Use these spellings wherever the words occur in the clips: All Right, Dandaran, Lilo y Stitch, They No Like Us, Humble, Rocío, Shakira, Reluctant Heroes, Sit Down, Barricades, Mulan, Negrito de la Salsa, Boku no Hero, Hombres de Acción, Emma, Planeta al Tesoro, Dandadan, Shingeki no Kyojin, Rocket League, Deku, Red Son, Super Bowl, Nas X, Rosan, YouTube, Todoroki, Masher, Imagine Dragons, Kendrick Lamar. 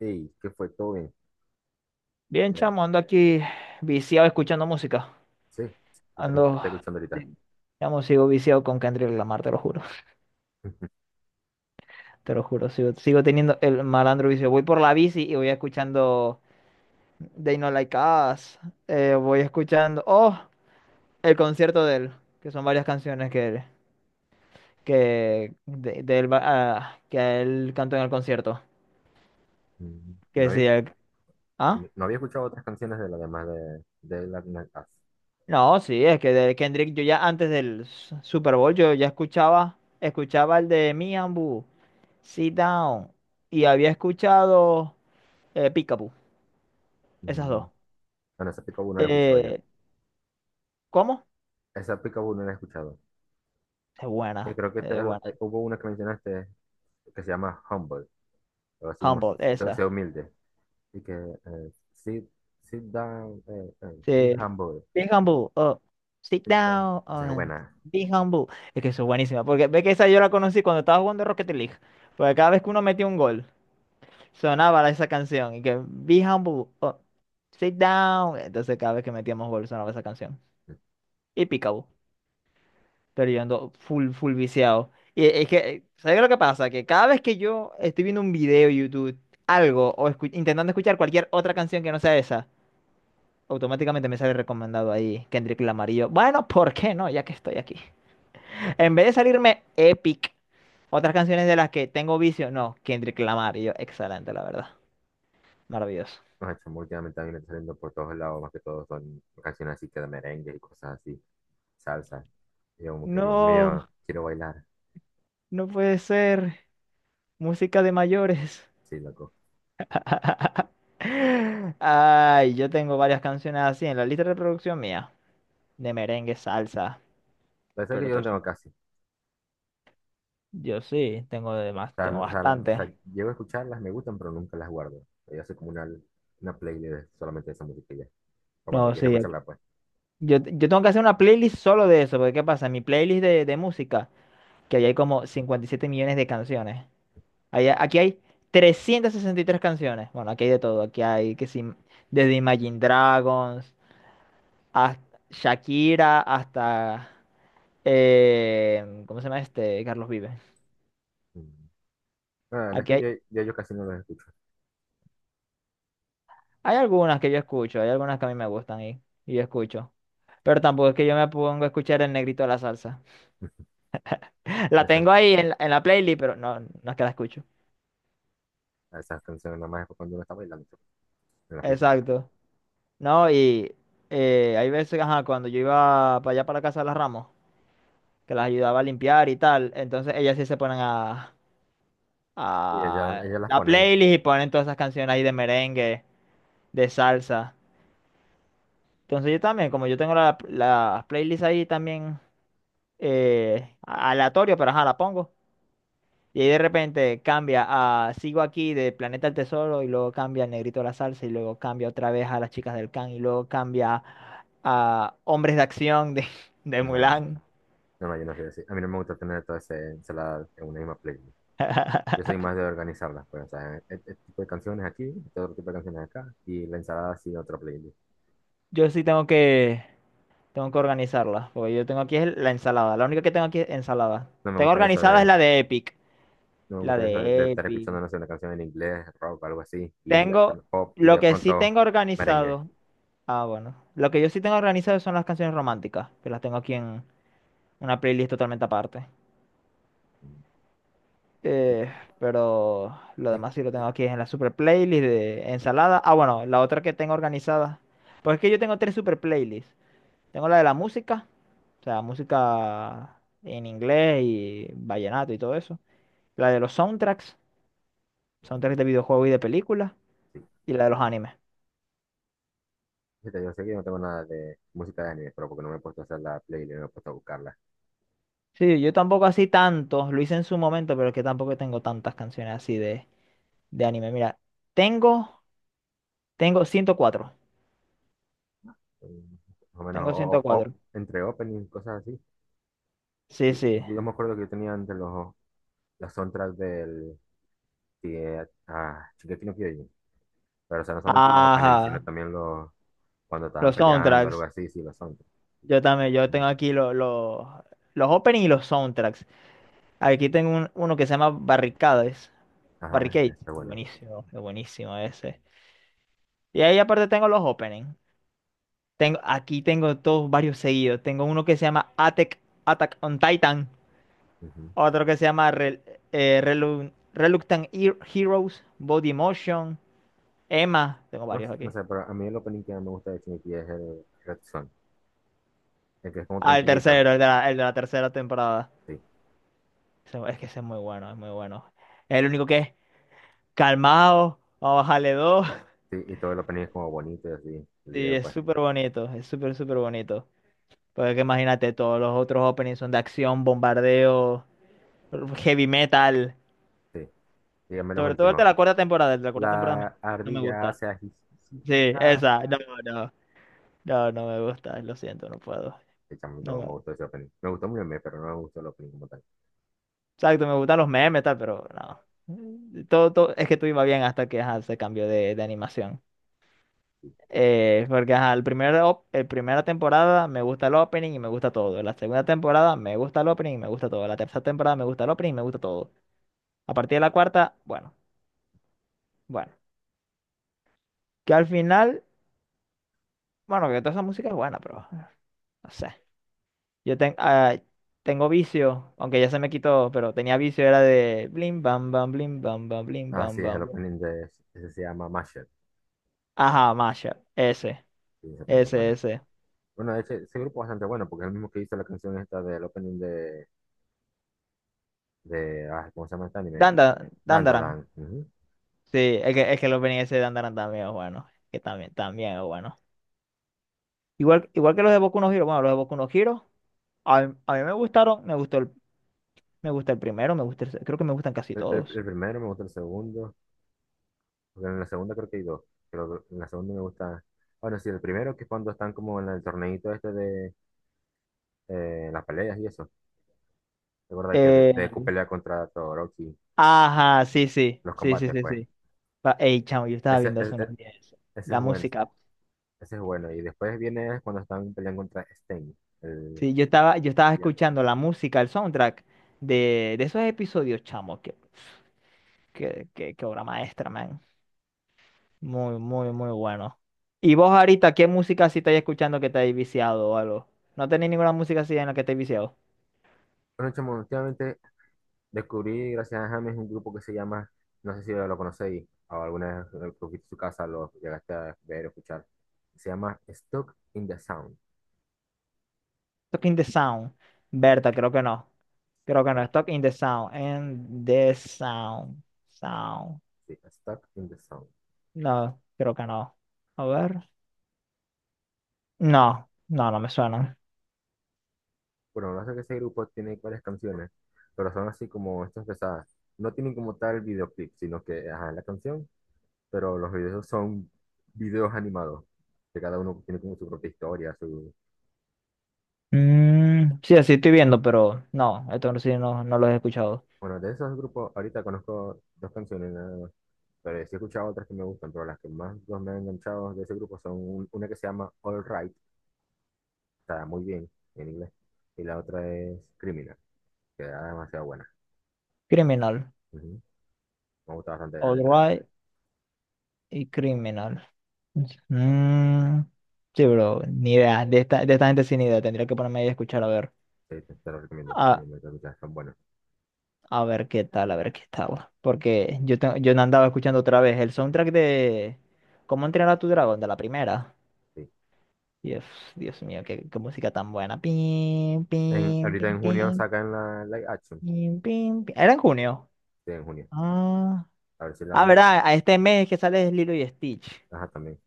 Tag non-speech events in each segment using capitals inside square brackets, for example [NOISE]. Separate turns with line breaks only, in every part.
Sí, que fue todo bien.
Bien,
Eh,
chamo, ando aquí viciado escuchando música.
Sí, qué canción que
Ando,
estoy escuchando ahorita.
sí, chamo, sigo viciado con Kendrick Lamar, te lo juro.
[LAUGHS]
Te lo juro, sigo teniendo el malandro vicio. Voy por la bici y voy escuchando They No Like Us. Voy escuchando, oh, el concierto de él, que son varias canciones que él, que, de él va- ah, que él cantó en el concierto.
Mm, y
Que
No había,
sí, el-
y
¿ah?
no había escuchado otras canciones de la demás de la Nas X.
No, sí, es que de Kendrick yo ya antes del S- Super Bowl yo ya escuchaba, escuchaba el de Me and Boo. Sit Down. Y había escuchado Peekaboo, esas
Mm,
dos.
Bueno, esa Pica no la he escuchado yo.
Eh, ¿Cómo?
Esa Pica no la he escuchado.
Es
Y
buena,
creo que
es buena.
hubo una que mencionaste que se llama Humble, o así como
Humble, esa.
sea humilde. Y que sit down,
Sí.
be humble,
Be humble, oh, sit
sit down.
down,
Esa es
oh,
buena.
be humble. Es que eso es buenísima, porque ve que esa yo la conocí cuando estaba jugando Rocket League. Porque cada vez que uno metía un gol, sonaba esa canción. Y que be humble, oh, sit down. Entonces cada vez que metíamos gol sonaba esa canción. Y Peekaboo. Pero yo ando full, full viciado. Y es que, ¿sabes lo que pasa? Que cada vez que yo estoy viendo un video de YouTube, algo, o intentando escuchar cualquier otra canción que no sea esa, automáticamente me sale recomendado ahí Kendrick Lamar. Y yo, bueno, ¿por qué no? Ya que estoy aquí.
Dios mío.
En vez de salirme Epic, otras canciones de las que tengo vicio, no, Kendrick Lamar. Y yo, excelente, la verdad. Maravilloso.
Los hechos últimamente también me están saliendo por todos lados, más que todo son canciones así que de merengue y cosas así. Salsa. Y yo como que, Dios
No,
mío, quiero bailar.
no puede ser. Música de mayores.
Sí, loco.
[LAUGHS] Ay, yo tengo varias canciones así en la lista de reproducción mía, de merengue, salsa,
Pero es que
pero
yo no
todo eso.
tengo casi. O
Yo sí, tengo de más,
sea,
tengo
no- o sea, la- o sea,
bastante.
llego a escucharlas, me gustan, pero nunca las guardo. Yo soy como Una playlist solamente de esa música y ya. O cuando
No,
quiero
sí,
escucharla, pues.
yo tengo que hacer una playlist solo de eso, porque ¿qué pasa? Mi playlist de música, que ahí hay como 57 millones de canciones. Aquí hay 363 canciones. Bueno, aquí hay de todo, aquí hay que sí, desde Imagine Dragons, hasta Shakira, hasta, ¿cómo se llama este? Carlos Vives.
Mm. No, la verdad es
Aquí
que
hay,
yo casi no las escucho.
hay algunas que yo escucho, hay algunas que a mí me gustan y yo escucho. Pero tampoco es que yo me pongo a escuchar el negrito de la salsa.
[LAUGHS]
[LAUGHS]
A
La
esas,
tengo ahí en la playlist, pero no, no es que la escucho.
a esas canciones nada más es cuando uno está bailando pues, en la fiesta.
Exacto. No, y hay veces, ajá, cuando yo iba para allá para la casa de las Ramos, que las ayudaba a limpiar y tal, entonces ellas sí se ponen
Y ellas,
a
ellas las
la
ponen.
playlist y ponen todas esas canciones ahí de merengue, de salsa. Entonces yo también, como yo tengo la playlist ahí también aleatorio, pero ajá, la pongo. Y ahí de repente cambia a sigo aquí de Planeta al Tesoro y luego cambia al Negrito de la Salsa y luego cambia otra vez a las chicas del Can y luego cambia a Hombres de Acción de, [LAUGHS] de
No, no,
Mulan.
no, yo no sé decir. A mí no me gusta tener toda esa ensalada en una misma playlist. Yo soy más de organizarlas, pues, o sea, este tipo de canciones aquí, este otro tipo de canciones acá, y la ensalada sí, otra playlist.
Yo sí tengo que, Tengo que organizarla, porque yo tengo aquí es la ensalada. La única que tengo aquí es ensalada.
No me
Tengo
gusta eso
organizada es
de,
la de Epic.
No me
La
gusta eso de
de
estar
Epic.
escuchando, no sé, una canción en inglés, rock, algo así, indie,
Tengo,
alterno pop, y
lo
de
que sí
pronto
tengo
merengue.
organizado. Ah, bueno. Lo que yo sí tengo organizado son las canciones románticas, que las tengo aquí en una playlist totalmente aparte.
Sí,
Eh, pero lo
sí,
demás sí lo tengo aquí en la super playlist de ensalada. Ah, bueno, la otra que tengo organizada. Pues es que yo tengo tres super playlists. Tengo la de la música, o sea, música en inglés y vallenato y todo eso. La de los soundtracks,
sí.
Soundtracks de videojuegos y de películas. Y la de los animes.
Fíjate, yo sé que yo no tengo nada de música de anime, pero porque no me he puesto a hacer la playlist, no me he puesto a buscarla.
Sí, yo tampoco así tanto. Lo hice en su momento, pero es que tampoco tengo tantas canciones así de anime. Mira, tengo, tengo 104.
Mm, más o menos,
Tengo ciento cuatro.
entre opening, cosas así.
Sí,
Yo,
sí.
yo me acuerdo que yo tenía entre las soundtracks del Shingeki no Kyojin. Pero, o sea, no solamente los openings, sino
Ajá.
también los cuando estaban
Los
peleando, algo
soundtracks.
así, sí, lo son.
Yo también, yo tengo aquí los openings y los soundtracks. Aquí tengo uno que se llama Barricades.
Ajá,
Barricades.
está bueno.
Es buenísimo ese. Y ahí aparte tengo los openings. Tengo, aquí tengo todos varios seguidos. Tengo uno que se llama Attack, Attack on Titan.
Ujú.
Otro que se llama Reluctant Heroes, Body Motion, Emma. Tengo
No,
varios
no
aquí.
sé, pero a mí el opening que más me gusta de Shingeki es el Red Son, el que es como
Ah, el
tranquilito,
tercero, el de la tercera temporada.
sí,
Ese- Es que ese es muy bueno, es muy bueno. Es el único que es calmado, vamos a bajarle dos. [LAUGHS]
sí, y todo el opening es como bonito y así, el
Sí,
video,
es
pues,
súper bonito, es súper, súper bonito. Porque que imagínate, todos los otros openings son de acción, bombardeo, heavy metal.
sí. Dígame los
Sobre todo el de
últimos.
la cuarta temporada, el de la cuarta temporada a mí
La
no me
ardilla
gusta.
se
Sí,
ajijijija.
esa, no, no, no, no me gusta, lo siento, no puedo.
Sí, chamo,
No me...
me gustó ese opening. Me gustó muy bien, pero no me gustó el opening como tal.
Exacto, me gustan los memes, tal, pero no. Todo, todo, es que todo iba bien hasta que ajá, se cambió de animación. Porque ajá, el primera temporada me gusta el opening y me gusta todo. La segunda temporada me gusta el opening y me gusta todo. La tercera temporada me gusta el opening y me gusta todo. A partir de la cuarta, bueno, bueno. Que al final, bueno, que toda esa música es buena, pero no sé. Yo ten- ah, Tengo vicio, aunque ya se me quitó, pero tenía vicio, era de blim bam bam, blim bam bam, blim
Ah,
bam
sí, es
bam,
el
blim.
opening ese se llama Masher,
Ajá, mashup.
sí, ese opening es bueno.
Ese.
Bueno, de hecho, ese grupo es bastante bueno porque es el mismo que hizo la canción esta del opening de ¿cómo se llama este anime?
Danda, Dandaran.
Dandadan. Ujú.
Sí, es que el opening ese de Dandaran también es bueno. Que también, también es bueno. Igual, igual que los de Boku no Hero, bueno, los de Boku no Hero, a mí me gustaron, me gusta el primero, me gusta el, se- creo que me gustan casi todos.
El primero me gusta el segundo, porque en la segunda creo que hay dos, pero en la segunda me gusta, bueno, sí, el primero que es cuando están como en el torneito este de las peleas y eso, ¿te acuerdas? De Deku
Eh,
pelea contra Todoroki,
ajá, sí, sí,
los
sí, sí,
combates,
sí,
pues.
sí. Pa- Ey, chamo, yo estaba
Ese,
viendo hace
es- es-
unos días eso,
Ese, es
la
bueno,
música.
ese es bueno. Y después viene cuando están peleando contra Stain, el
Sí, yo estaba
villano.
escuchando la música, el soundtrack de esos episodios, chamo, que obra maestra, man. Muy, muy, muy bueno. ¿Y vos ahorita qué música sí estáis escuchando que te hayas viciado o algo? ¿No tenéis ninguna música así en la que te hayas viciado?
Bueno, chamo, últimamente descubrí, gracias a James, un grupo que se llama, no sé si lo conocéis o alguna vez que fuiste su casa lo llegaste a ver o escuchar. Se llama Stuck in the Sound.
Stuck in the Sound. Berta, creo que no. Creo
o
que no.
sea,
Stuck in the Sound. En the Sound. Sound.
sí, Stuck in the Sound.
No, creo que no. A ver. No, no, no me suena.
Bueno, lo que pasa es que ese grupo tiene varias canciones, pero son así como estas pesadas. No tienen como tal videoclip, sino que, ajá, la canción, pero los videos son videos animados, que cada uno tiene como su propia historia, su...
Mm, sí, así estoy viendo, pero no, esto sí no, no lo he escuchado.
Bueno, de esos grupos, ahorita conozco dos canciones, nada. Pero sí he escuchado otras que me gustan, pero las que más los me han enganchado de ese grupo son una que se llama All Right, está muy bien en inglés, y la otra es Criminal, que era demasiado buena.
Criminal.
Ujú. Me gusta bastante la
All
letra,
Right y Criminal. Mm, sí, bro, ni idea. De esta gente sin idea. Tendría que ponerme ahí a escuchar a ver.
sí, te lo
Ah,
recomiendo escuchar, son buenos.
a ver qué tal, a ver qué tal. Porque yo, te- yo no andaba escuchando otra vez el soundtrack de ¿Cómo entrenar a tu dragón? De la primera.
Sí.
Dios, Dios mío, qué música tan buena. Pim,
En,
pim,
ahorita
pim,
en junio
pim,
sacan la live action,
pim, pim, pim. Era en junio.
sí, en junio,
Ah,
a ver si la
ah,
vamos,
verdad, a este mes que sale es Lilo y Stitch.
a- ajá, también.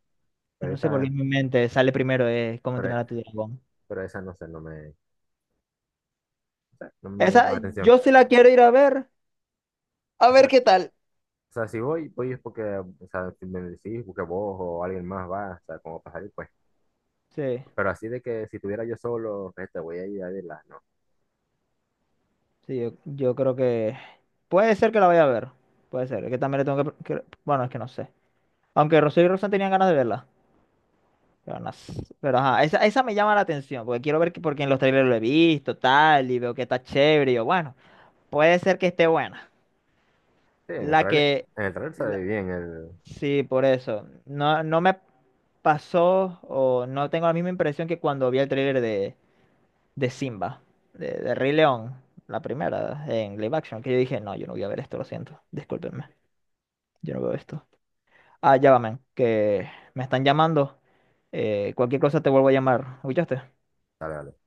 Que
Pero
no sé por qué
esa,
en mi mente sale primero es ¿Cómo
pero,
entrenar a tu dragón?
pero esa no sé, no me, o sea, no me llama
Esa,
la atención.
yo sí la quiero ir a ver. A
O sea,
ver qué tal.
o sea, si voy, voy es porque, o sea, si me decís, porque vos o alguien más va, o sea, como para salir, pues.
Sí.
Pero así de que si tuviera yo solo, este, voy a ir a verla, no.
Sí, yo creo que puede ser que la vaya a ver. Puede ser. Es que también le tengo que- Bueno, es que no sé. Aunque Rocío y Rosan tenían ganas de verla. Pero, no sé. Pero, ajá, esa me llama la atención. Porque quiero ver que, porque en los trailers lo he visto, tal, y veo que está chévere. Y yo, bueno, puede ser que esté buena.
Sí,
La que.
en el trailer se
La-
ve bien el...
sí, por eso. No, no me pasó o no tengo la misma impresión que cuando vi el trailer de Simba, de Rey León, la primera, en live action, que yo dije, no, yo no voy a ver esto, lo siento, discúlpenme. Yo no veo esto. Ah, ya va, men, que me están llamando. Cualquier cosa te vuelvo a llamar. ¿Escuchaste?
Dale, dale.